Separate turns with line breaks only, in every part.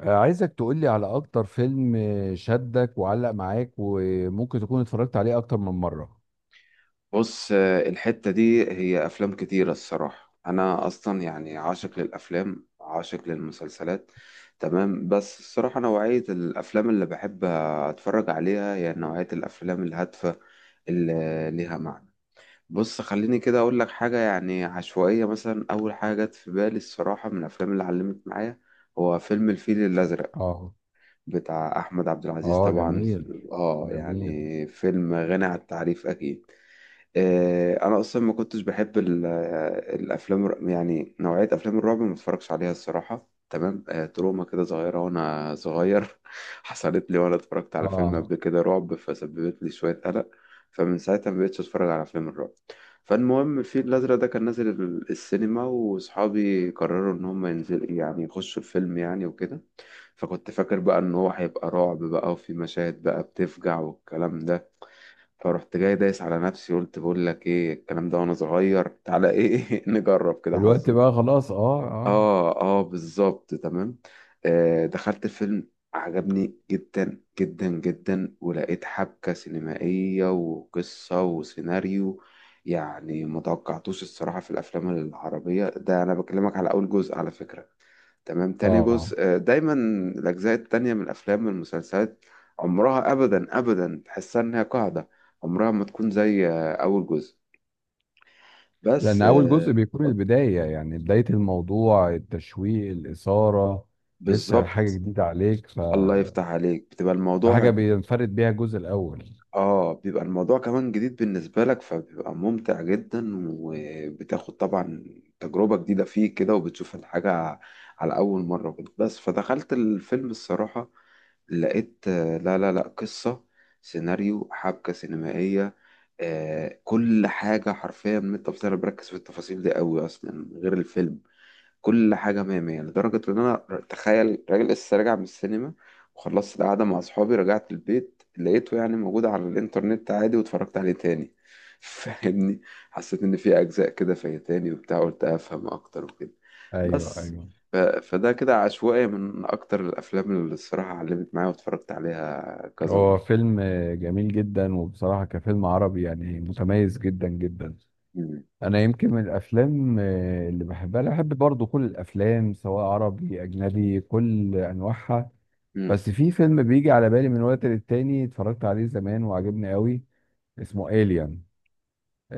عايزك تقولي على اكتر فيلم، شدك وعلق معاك وممكن تكون اتفرجت عليه اكتر من مرة.
بص، الحتة دي هي أفلام كتيرة الصراحة. أنا أصلا يعني عاشق للأفلام، عاشق للمسلسلات. تمام. بس الصراحة نوعية الأفلام اللي بحب أتفرج عليها هي نوعية الأفلام الهادفة اللي ليها معنى. بص، خليني كده أقول لك حاجة يعني عشوائية. مثلا أول حاجة جت في بالي الصراحة من الأفلام اللي علمت معايا هو فيلم الفيل الأزرق،
اه.
بتاع أحمد عبد العزيز
اه
طبعا.
جميل.
آه،
جميل.
يعني فيلم غني عن التعريف أكيد. انا اصلا ما كنتش بحب يعني نوعيه افلام الرعب ما اتفرجش عليها الصراحه. تمام. تروما كده صغيره وانا صغير حصلت لي وانا اتفرجت على فيلم
اه.
قبل كده رعب فسببت لي شويه قلق. فمن ساعتها ما بقتش اتفرج على افلام الرعب. فالمهم الفيل الازرق ده كان نازل السينما، واصحابي قرروا ان هم ينزل يعني يخشوا الفيلم يعني وكده. فكنت فاكر بقى ان هو هيبقى رعب بقى، وفي مشاهد بقى بتفجع والكلام ده. فرحت جاي دايس على نفسي قلت بقول لك ايه الكلام ده وانا صغير، تعالى ايه نجرب كده
دلوقتي
حظي.
بقى خلاص، اه اه.
اه، اه، بالظبط تمام. دخلت الفيلم، عجبني جدا جدا جدا ولقيت حبكة سينمائية وقصة وسيناريو. يعني متوقعتوش الصراحة في الأفلام العربية. ده أنا بكلمك على أول جزء على فكرة. تمام. تاني
اه،
جزء دايما الأجزاء التانية من الأفلام والمسلسلات عمرها أبدا أبدا تحسها إنها قاعدة، عمرها ما تكون زي أول جزء.
لان
بس
اول جزء بيكون البداية، يعني بداية الموضوع، التشويق، الاثارة، لسه حاجة
بالظبط.
جديدة عليك،
الله يفتح عليك، بتبقى الموضوع.
فحاجة بينفرد بيها الجزء الاول.
اه، بيبقى الموضوع كمان جديد بالنسبة لك فبيبقى ممتع جدا وبتاخد طبعا تجربة جديدة فيه كده، وبتشوف الحاجة على أول مرة كده. بس فدخلت الفيلم الصراحة، لقيت لا، لا، لا، قصة، سيناريو، حبكة سينمائية، كل حاجة حرفيا. من التفاصيل أنا بركز في التفاصيل دي قوي أصلا غير الفيلم. كل حاجة مية مية لدرجة إن أنا، تخيل راجل لسه راجع من السينما وخلصت القعدة مع أصحابي، رجعت البيت لقيته يعني موجود على الإنترنت عادي واتفرجت عليه تاني. فاهمني. حسيت إن في أجزاء كده فايتاني وبتاع، قلت أفهم أكتر وكده.
ايوه
بس
ايوه.
فده كده عشوائي من أكتر الأفلام اللي الصراحة علمت معايا واتفرجت عليها كذا
هو
مرة.
فيلم جميل جدا، وبصراحة كفيلم عربي يعني متميز جدا جدا.
مم.
أنا يمكن من الأفلام اللي بحبها، أنا بحب برضو كل الأفلام سواء عربي أجنبي، كل أنواعها.
مم.
بس في فيلم بيجي على بالي من وقت للتاني، اتفرجت عليه زمان وعجبني قوي، اسمه إيليان.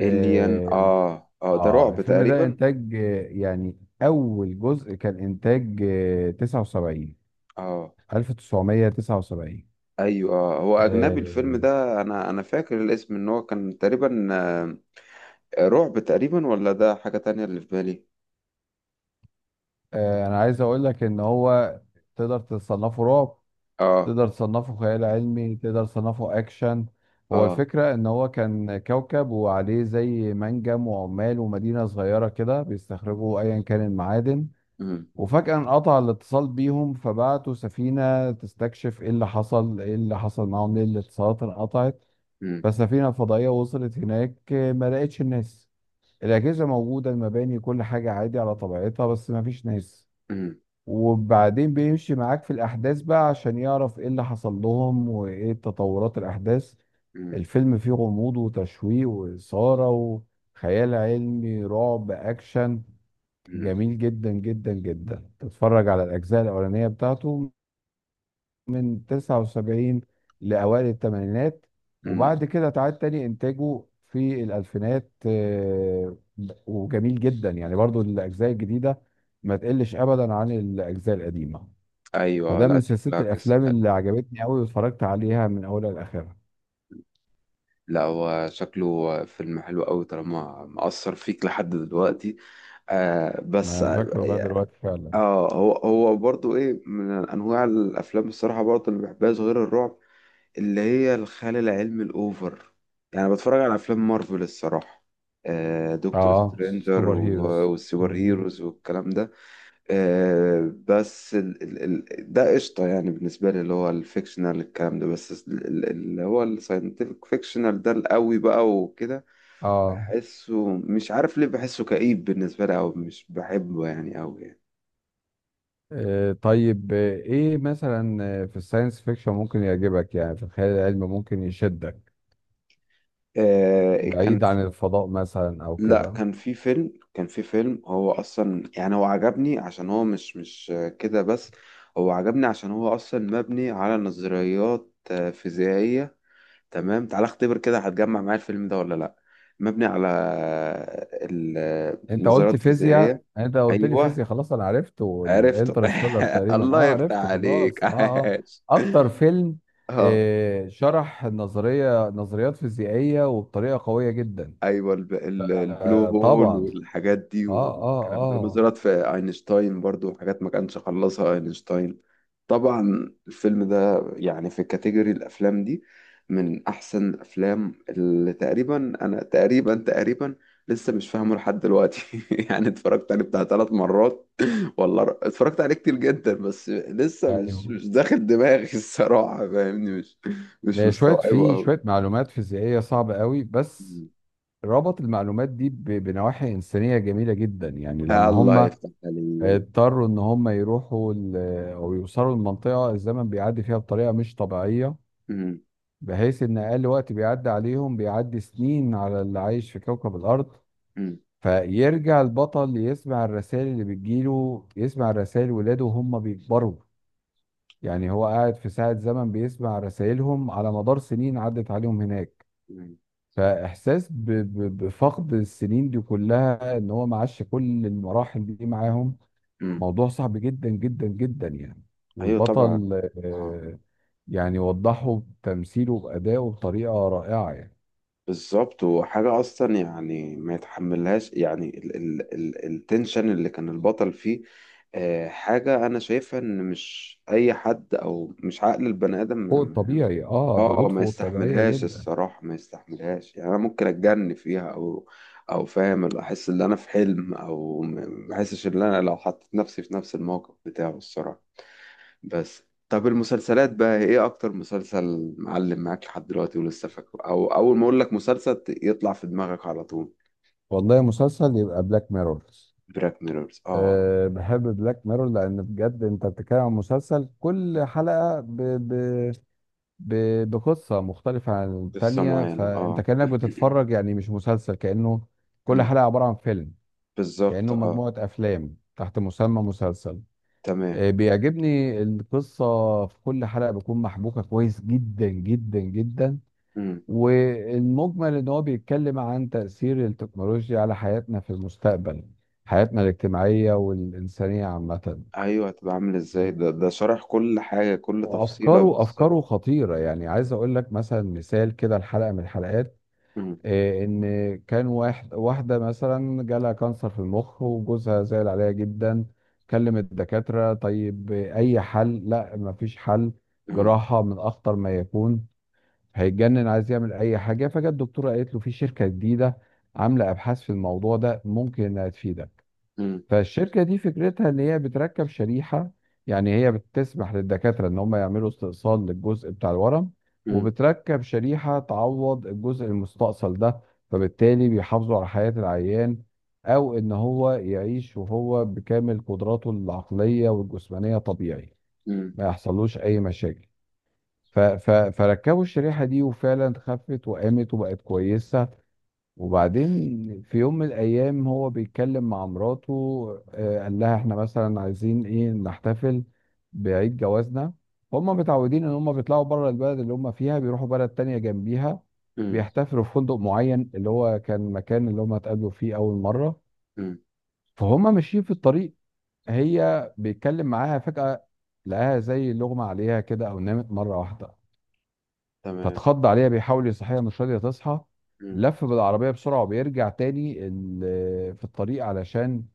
إليان، آه، آه، ده رعب
الفيلم ده
تقريبا.
إنتاج، يعني أول جزء كان إنتاج 79،
آه.
1979.
ايوه، هو اجنبي الفيلم ده، انا فاكر الاسم ان هو كان تقريبا رعب تقريبا، ولا ده حاجة تانية اللي في بالي؟
انا عايز اقول لك ان هو تقدر تصنفه رعب،
اه.
تقدر تصنفه خيال علمي، تقدر تصنفه اكشن. هو
اه.
الفكرة ان هو كان كوكب وعليه زي منجم وعمال ومدينة صغيرة كده، بيستخرجوا ايا كان المعادن.
امم.
وفجأة انقطع الاتصال بيهم، فبعتوا سفينة تستكشف ايه اللي حصل، ايه اللي حصل معاهم، ليه الاتصالات انقطعت.
امم.
فالسفينة الفضائية وصلت هناك، ما لقتش الناس. الأجهزة موجودة، المباني كل حاجة عادي على طبيعتها، بس ما فيش ناس.
امم.
وبعدين بيمشي معاك في الأحداث بقى عشان يعرف إيه اللي حصل لهم وإيه تطورات الأحداث.
امم.
الفيلم فيه غموض وتشويق وإثارة وخيال علمي، رعب، أكشن.
امم.
جميل جدا جدا جدا. تتفرج على الأجزاء الأولانية بتاعته من 79 لأوائل الثمانينات،
أمم.
وبعد كده تعاد تاني إنتاجه في الألفينات. وجميل جدا يعني برضو الأجزاء الجديدة، ما تقلش أبدا عن الأجزاء القديمة.
ايوه،
فده
لا،
من سلسلة
شكلها قصة
الأفلام
حلوة.
اللي عجبتني أوي واتفرجت عليها من أولها لآخرها.
لا، هو شكله فيلم حلو قوي طالما مأثر فيك لحد دلوقتي. آه، بس
أنا فاكره لغاية
اه.
دلوقتي فعلا.
هو برضو ايه من انواع الافلام الصراحة برضو اللي بحبها غير الرعب، اللي هي الخيال العلمي الأوفر. يعني بتفرج على أفلام مارفل الصراحة، دكتور
آه
سترينجر
سوبر هيروز.
والسوبر
مم.
هيروز والكلام ده. بس ال ده قشطة يعني بالنسبة لي، اللي هو الفيكشنال الكلام ده، بس اللي هو الساينتفك فيكشنال ده القوي بقى وكده.
آه.
بحسه، مش عارف ليه بحسه كئيب بالنسبة لي أو مش بحبه يعني أوي يعني.
طيب، إيه مثلا؟ في الساينس فيكشن ممكن يعجبك؟ يعني في الخيال العلمي ممكن يشدك
كان،
بعيد عن الفضاء مثلا أو
لا،
كده؟
كان في فيلم، هو اصلا يعني هو عجبني عشان هو مش كده بس. هو عجبني عشان هو اصلا مبني على نظريات فيزيائية. تمام، تعال اختبر كده هتجمع معايا الفيلم ده ولا لا؟ مبني على
انت قلت
النظريات
فيزياء،
الفيزيائية.
انت قلت لي
ايوه،
فيزياء، خلاص انا عرفت،
عرفته.
والانترستيلر تقريبا.
الله
اه
يفتح
عرفته، خلاص.
عليك
اه. اه
عاش.
اكتر فيلم.
اه.
شرح النظريه، نظريات فيزيائيه، وبطريقه قويه جدا.
ايوه، البلو
آه
هول
طبعا.
والحاجات دي
اه اه
والكلام ده،
اه.
ونظرت في اينشتاين، برضو حاجات ما كانش خلصها اينشتاين. طبعا الفيلم ده يعني في كاتيجوري الافلام دي من احسن الافلام. اللي تقريبا انا تقريبا لسه مش فاهمه لحد دلوقتي. يعني اتفرجت عليه بتاع 3 مرات. والله، اتفرجت عليه كتير جدا بس لسه مش
ايوه.
مش داخل دماغي. الصراحة فاهمني، مش
شويه
مستوعبه
في شويه
قوي.
معلومات فيزيائيه صعبه قوي، بس ربط المعلومات دي بنواحي انسانيه جميله جدا. يعني لما
الله
هم
يفتح عليك.
اضطروا ان هم يروحوا او يوصلوا لمنطقه الزمن بيعدي فيها بطريقه مش طبيعيه،
مم.
بحيث ان اقل وقت بيعدي عليهم بيعدي سنين على اللي عايش في كوكب الارض.
مم.
فيرجع البطل يسمع الرسائل اللي بتجيله، يسمع الرسائل ولاده وهم بيكبروا. يعني هو قاعد في ساعة زمن بيسمع رسائلهم على مدار سنين عدت عليهم هناك.
مم.
فاحساس بفقد السنين دي كلها، ان هو ما عاش كل المراحل دي معاهم.
مم.
موضوع صعب جدا جدا جدا يعني.
ايوه طبعا.
والبطل
اه،
آه، يعني وضحه بتمثيله بأدائه بطريقة رائعة يعني.
بالظبط. وحاجه اصلا يعني ما يتحملهاش، يعني ال ال ال التنشن اللي كان البطل فيه. حاجه انا شايفها ان مش اي حد او مش عقل البني ادم
فوق الطبيعي، اه،
اه،
ضغوط
ما
فوق الطبيعية
يستحملهاش
جدا.
الصراحه، ما يستحملهاش يعني. انا ممكن اتجن فيها او فاهم، اللي احس ان انا في حلم او ما احسش ان انا لو حطيت نفسي في نفس الموقف بتاعه الصراحه. بس. طب المسلسلات بقى، ايه اكتر مسلسل معلم معاك لحد دلوقتي ولسه فاكره، او اول ما اقول لك مسلسل يطلع في دماغك على طول؟
والله، مسلسل يبقى بلاك ميرور.
براك ميرورز، اه.
بحب بلاك ميرور، لان بجد انت بتتكلم عن مسلسل كل حلقة ب... بقصة مختلفة عن
قصة
التانية،
معينة،
فانت
اه.
كأنك بتتفرج يعني مش مسلسل، كأنه كل
مم.
حلقة عبارة عن فيلم،
بالظبط،
كأنه
اه،
مجموعة افلام تحت مسمى مسلسل.
تمام.
بيعجبني القصة في كل حلقة بتكون محبوكة كويس جدا جدا جدا.
مم.
والمجمل ان هو بيتكلم عن تأثير التكنولوجيا على حياتنا في المستقبل، حياتنا الاجتماعية والإنسانية عامة.
ايوه، هتبقى عامل ازاي. ده شرح كل حاجة كل تفصيلة
وافكاره، افكاره
بالظبط.
خطيره. يعني عايز اقول لك مثلا مثال كده، الحلقه من الحلقات،
مم.
ان كان واحد، واحده مثلا جالها كانسر في المخ وجوزها زعل عليها جدا. كلم الدكاتره، طيب اي حل؟ لا، ما فيش حل،
مم.
جراحه من اخطر ما يكون. هيتجنن، عايز يعمل اي حاجه. فجت الدكتوره قالت له في شركه جديده عامله ابحاث في الموضوع ده، ممكن انها تفيدك.
مم.
فالشركه دي فكرتها ان هي بتركب شريحه، يعني هي بتسمح للدكاتره ان هم يعملوا استئصال للجزء بتاع الورم،
مم.
وبتركب شريحه تعوض الجزء المستأصل ده، فبالتالي بيحافظوا على حياه العيان. او ان هو يعيش وهو بكامل قدراته العقليه والجسمانيه طبيعي،
مم.
ما يحصلوش اي مشاكل. فركبوا الشريحة دي، وفعلا خفت وقامت وبقت كويسة. وبعدين في يوم من الأيام، هو بيتكلم مع مراته، قال لها احنا مثلا عايزين ايه نحتفل بعيد جوازنا. هم متعودين ان هم بيطلعوا بره البلد اللي هم فيها، بيروحوا بلد تانية جنبيها،
مم.
بيحتفلوا في فندق معين اللي هو كان مكان اللي هم اتقابلوا فيه أول مرة.
مم.
فهم ماشيين في الطريق، هي بيتكلم معاها فجأة لقاها زي لغمة عليها كده، أو نامت مرة واحدة.
تمام.
فاتخض عليها، بيحاول يصحيها مش راضيه تصحى.
مم.
لف بالعربيه بسرعه وبيرجع تاني في الطريق علشان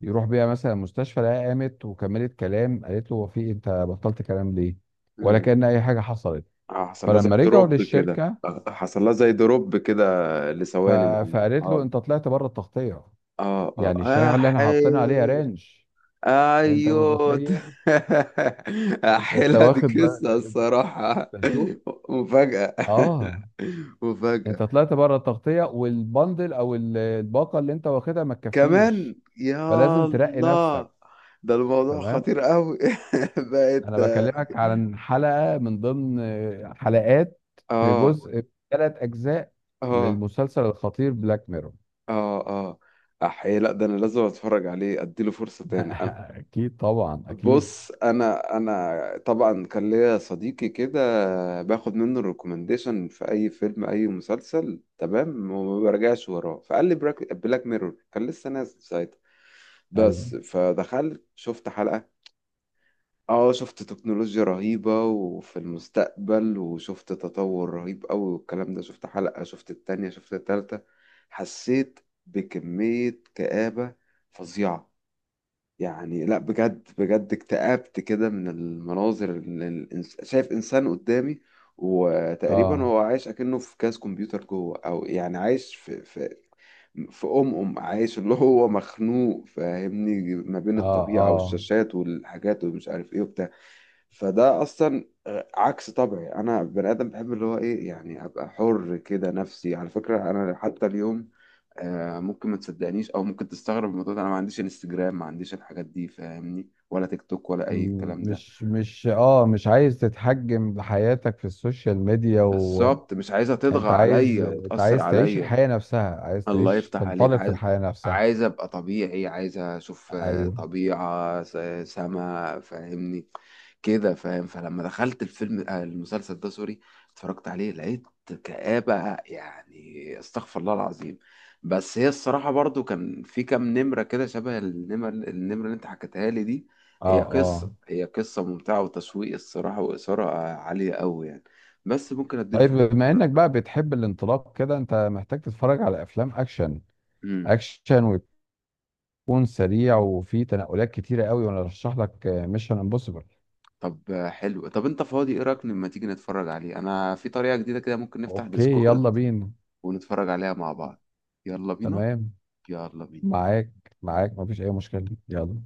يروح بيها مثلا المستشفى. لقاها قامت وكملت كلام، قالت له هو في إيه؟ انت بطلت كلام ليه؟ ولا
مم.
كأن اي حاجه حصلت.
حصل لها زي
فلما رجعوا
دروب كده،
للشركه، ف...
لثواني معينة،
فقالت له
اه،
انت طلعت بره التغطيه،
اه،
يعني
اه،
الشريحه اللي احنا حاطينها عليها
احي.
رانش. انت
ايوه.
متخيل؟ أنت
احيلها، دي
واخد بقى،
قصة الصراحة.
انت شوف.
مفاجأة.
اه،
مفاجأة.
انت طلعت بره التغطيه، والبندل او الباقه اللي انت واخدها ما
كمان
تكفيش،
يا
فلازم ترقي
الله.
نفسك.
ده الموضوع
تمام.
خطير قوي. بقت.
انا بكلمك عن حلقة من ضمن حلقات في
اه،
جزء، ثلاث اجزاء
اه،
للمسلسل الخطير بلاك ميرور.
اه، اه، احيي. لا، ده انا لازم اتفرج عليه اديله فرصة تاني.
اكيد طبعا، اكيد.
بص، انا طبعا كان ليا صديقي كده، باخد منه الريكومنديشن في اي فيلم، اي مسلسل تمام، وما برجعش وراه. فقال لي بلاك ميرور، كان لسه نازل ساعتها
أيوة.
بس. فدخلت شفت حلقة، اه، شفت تكنولوجيا رهيبة وفي المستقبل، وشفت تطور رهيب قوي والكلام ده. شفت حلقة، شفت التانية، شفت التالتة، حسيت بكمية كآبة فظيعة. يعني لا، بجد بجد اكتئبت كده من المناظر اللي شايف انسان قدامي، وتقريبا
اه
هو عايش اكنه في كاس كمبيوتر جوه، او يعني عايش في في في ام ام عايش، اللي هو مخنوق. فاهمني، ما بين
اه
الطبيعة
اه.
والشاشات والحاجات ومش عارف ايه وبتاع. فده اصلا عكس طبعي. انا بني ادم بحب اللي هو ايه، يعني ابقى حر كده. نفسي على فكرة انا حتى اليوم، ممكن ما تصدقنيش او ممكن تستغرب من الموضوع ده، انا ما عنديش انستجرام، ما عنديش الحاجات دي فاهمني، ولا تيك توك، ولا اي الكلام ده.
مش عايز تتحجم بحياتك في السوشيال ميديا،
بالظبط،
وانت
مش عايزه تطغى
عايز،
عليا
انت
وتاثر
عايز تعيش
عليا.
الحياة نفسها، عايز
الله
تعيش
يفتح عليك.
تنطلق في
عايز،
الحياة نفسها.
عايز ابقى طبيعي، عايز اشوف
ايوه.
طبيعة، سما، فاهمني كده، فاهم. فلما دخلت الفيلم آه، المسلسل ده، سوري، اتفرجت عليه لقيت كآبة يعني، استغفر الله العظيم. بس هي الصراحة برضو كان في كام نمرة كده شبه النمرة اللي انت حكيتها لي دي. هي
اه اه.
قصة هي قصة ممتعة وتشويق الصراحة وإثارة عالية قوي يعني. بس ممكن اديله
طيب
فرصة
بما
دلوقتي.
انك بقى بتحب الانطلاق كده، انت محتاج تتفرج على افلام اكشن،
مم.
اكشن ويكون سريع وفيه تنقلات كتيره قوي، وانا ارشح لك ميشن امبوسيبل.
طب حلو. طب انت فاضي؟ ايه رايك لما تيجي نتفرج عليه انا في طريقة جديدة كده، ممكن نفتح
اوكي،
ديسكورد
يلا بينا.
ونتفرج عليها مع بعض. يلا بينا.
تمام.
يلا بينا.
معاك، معاك، مفيش اي مشكله، يلا.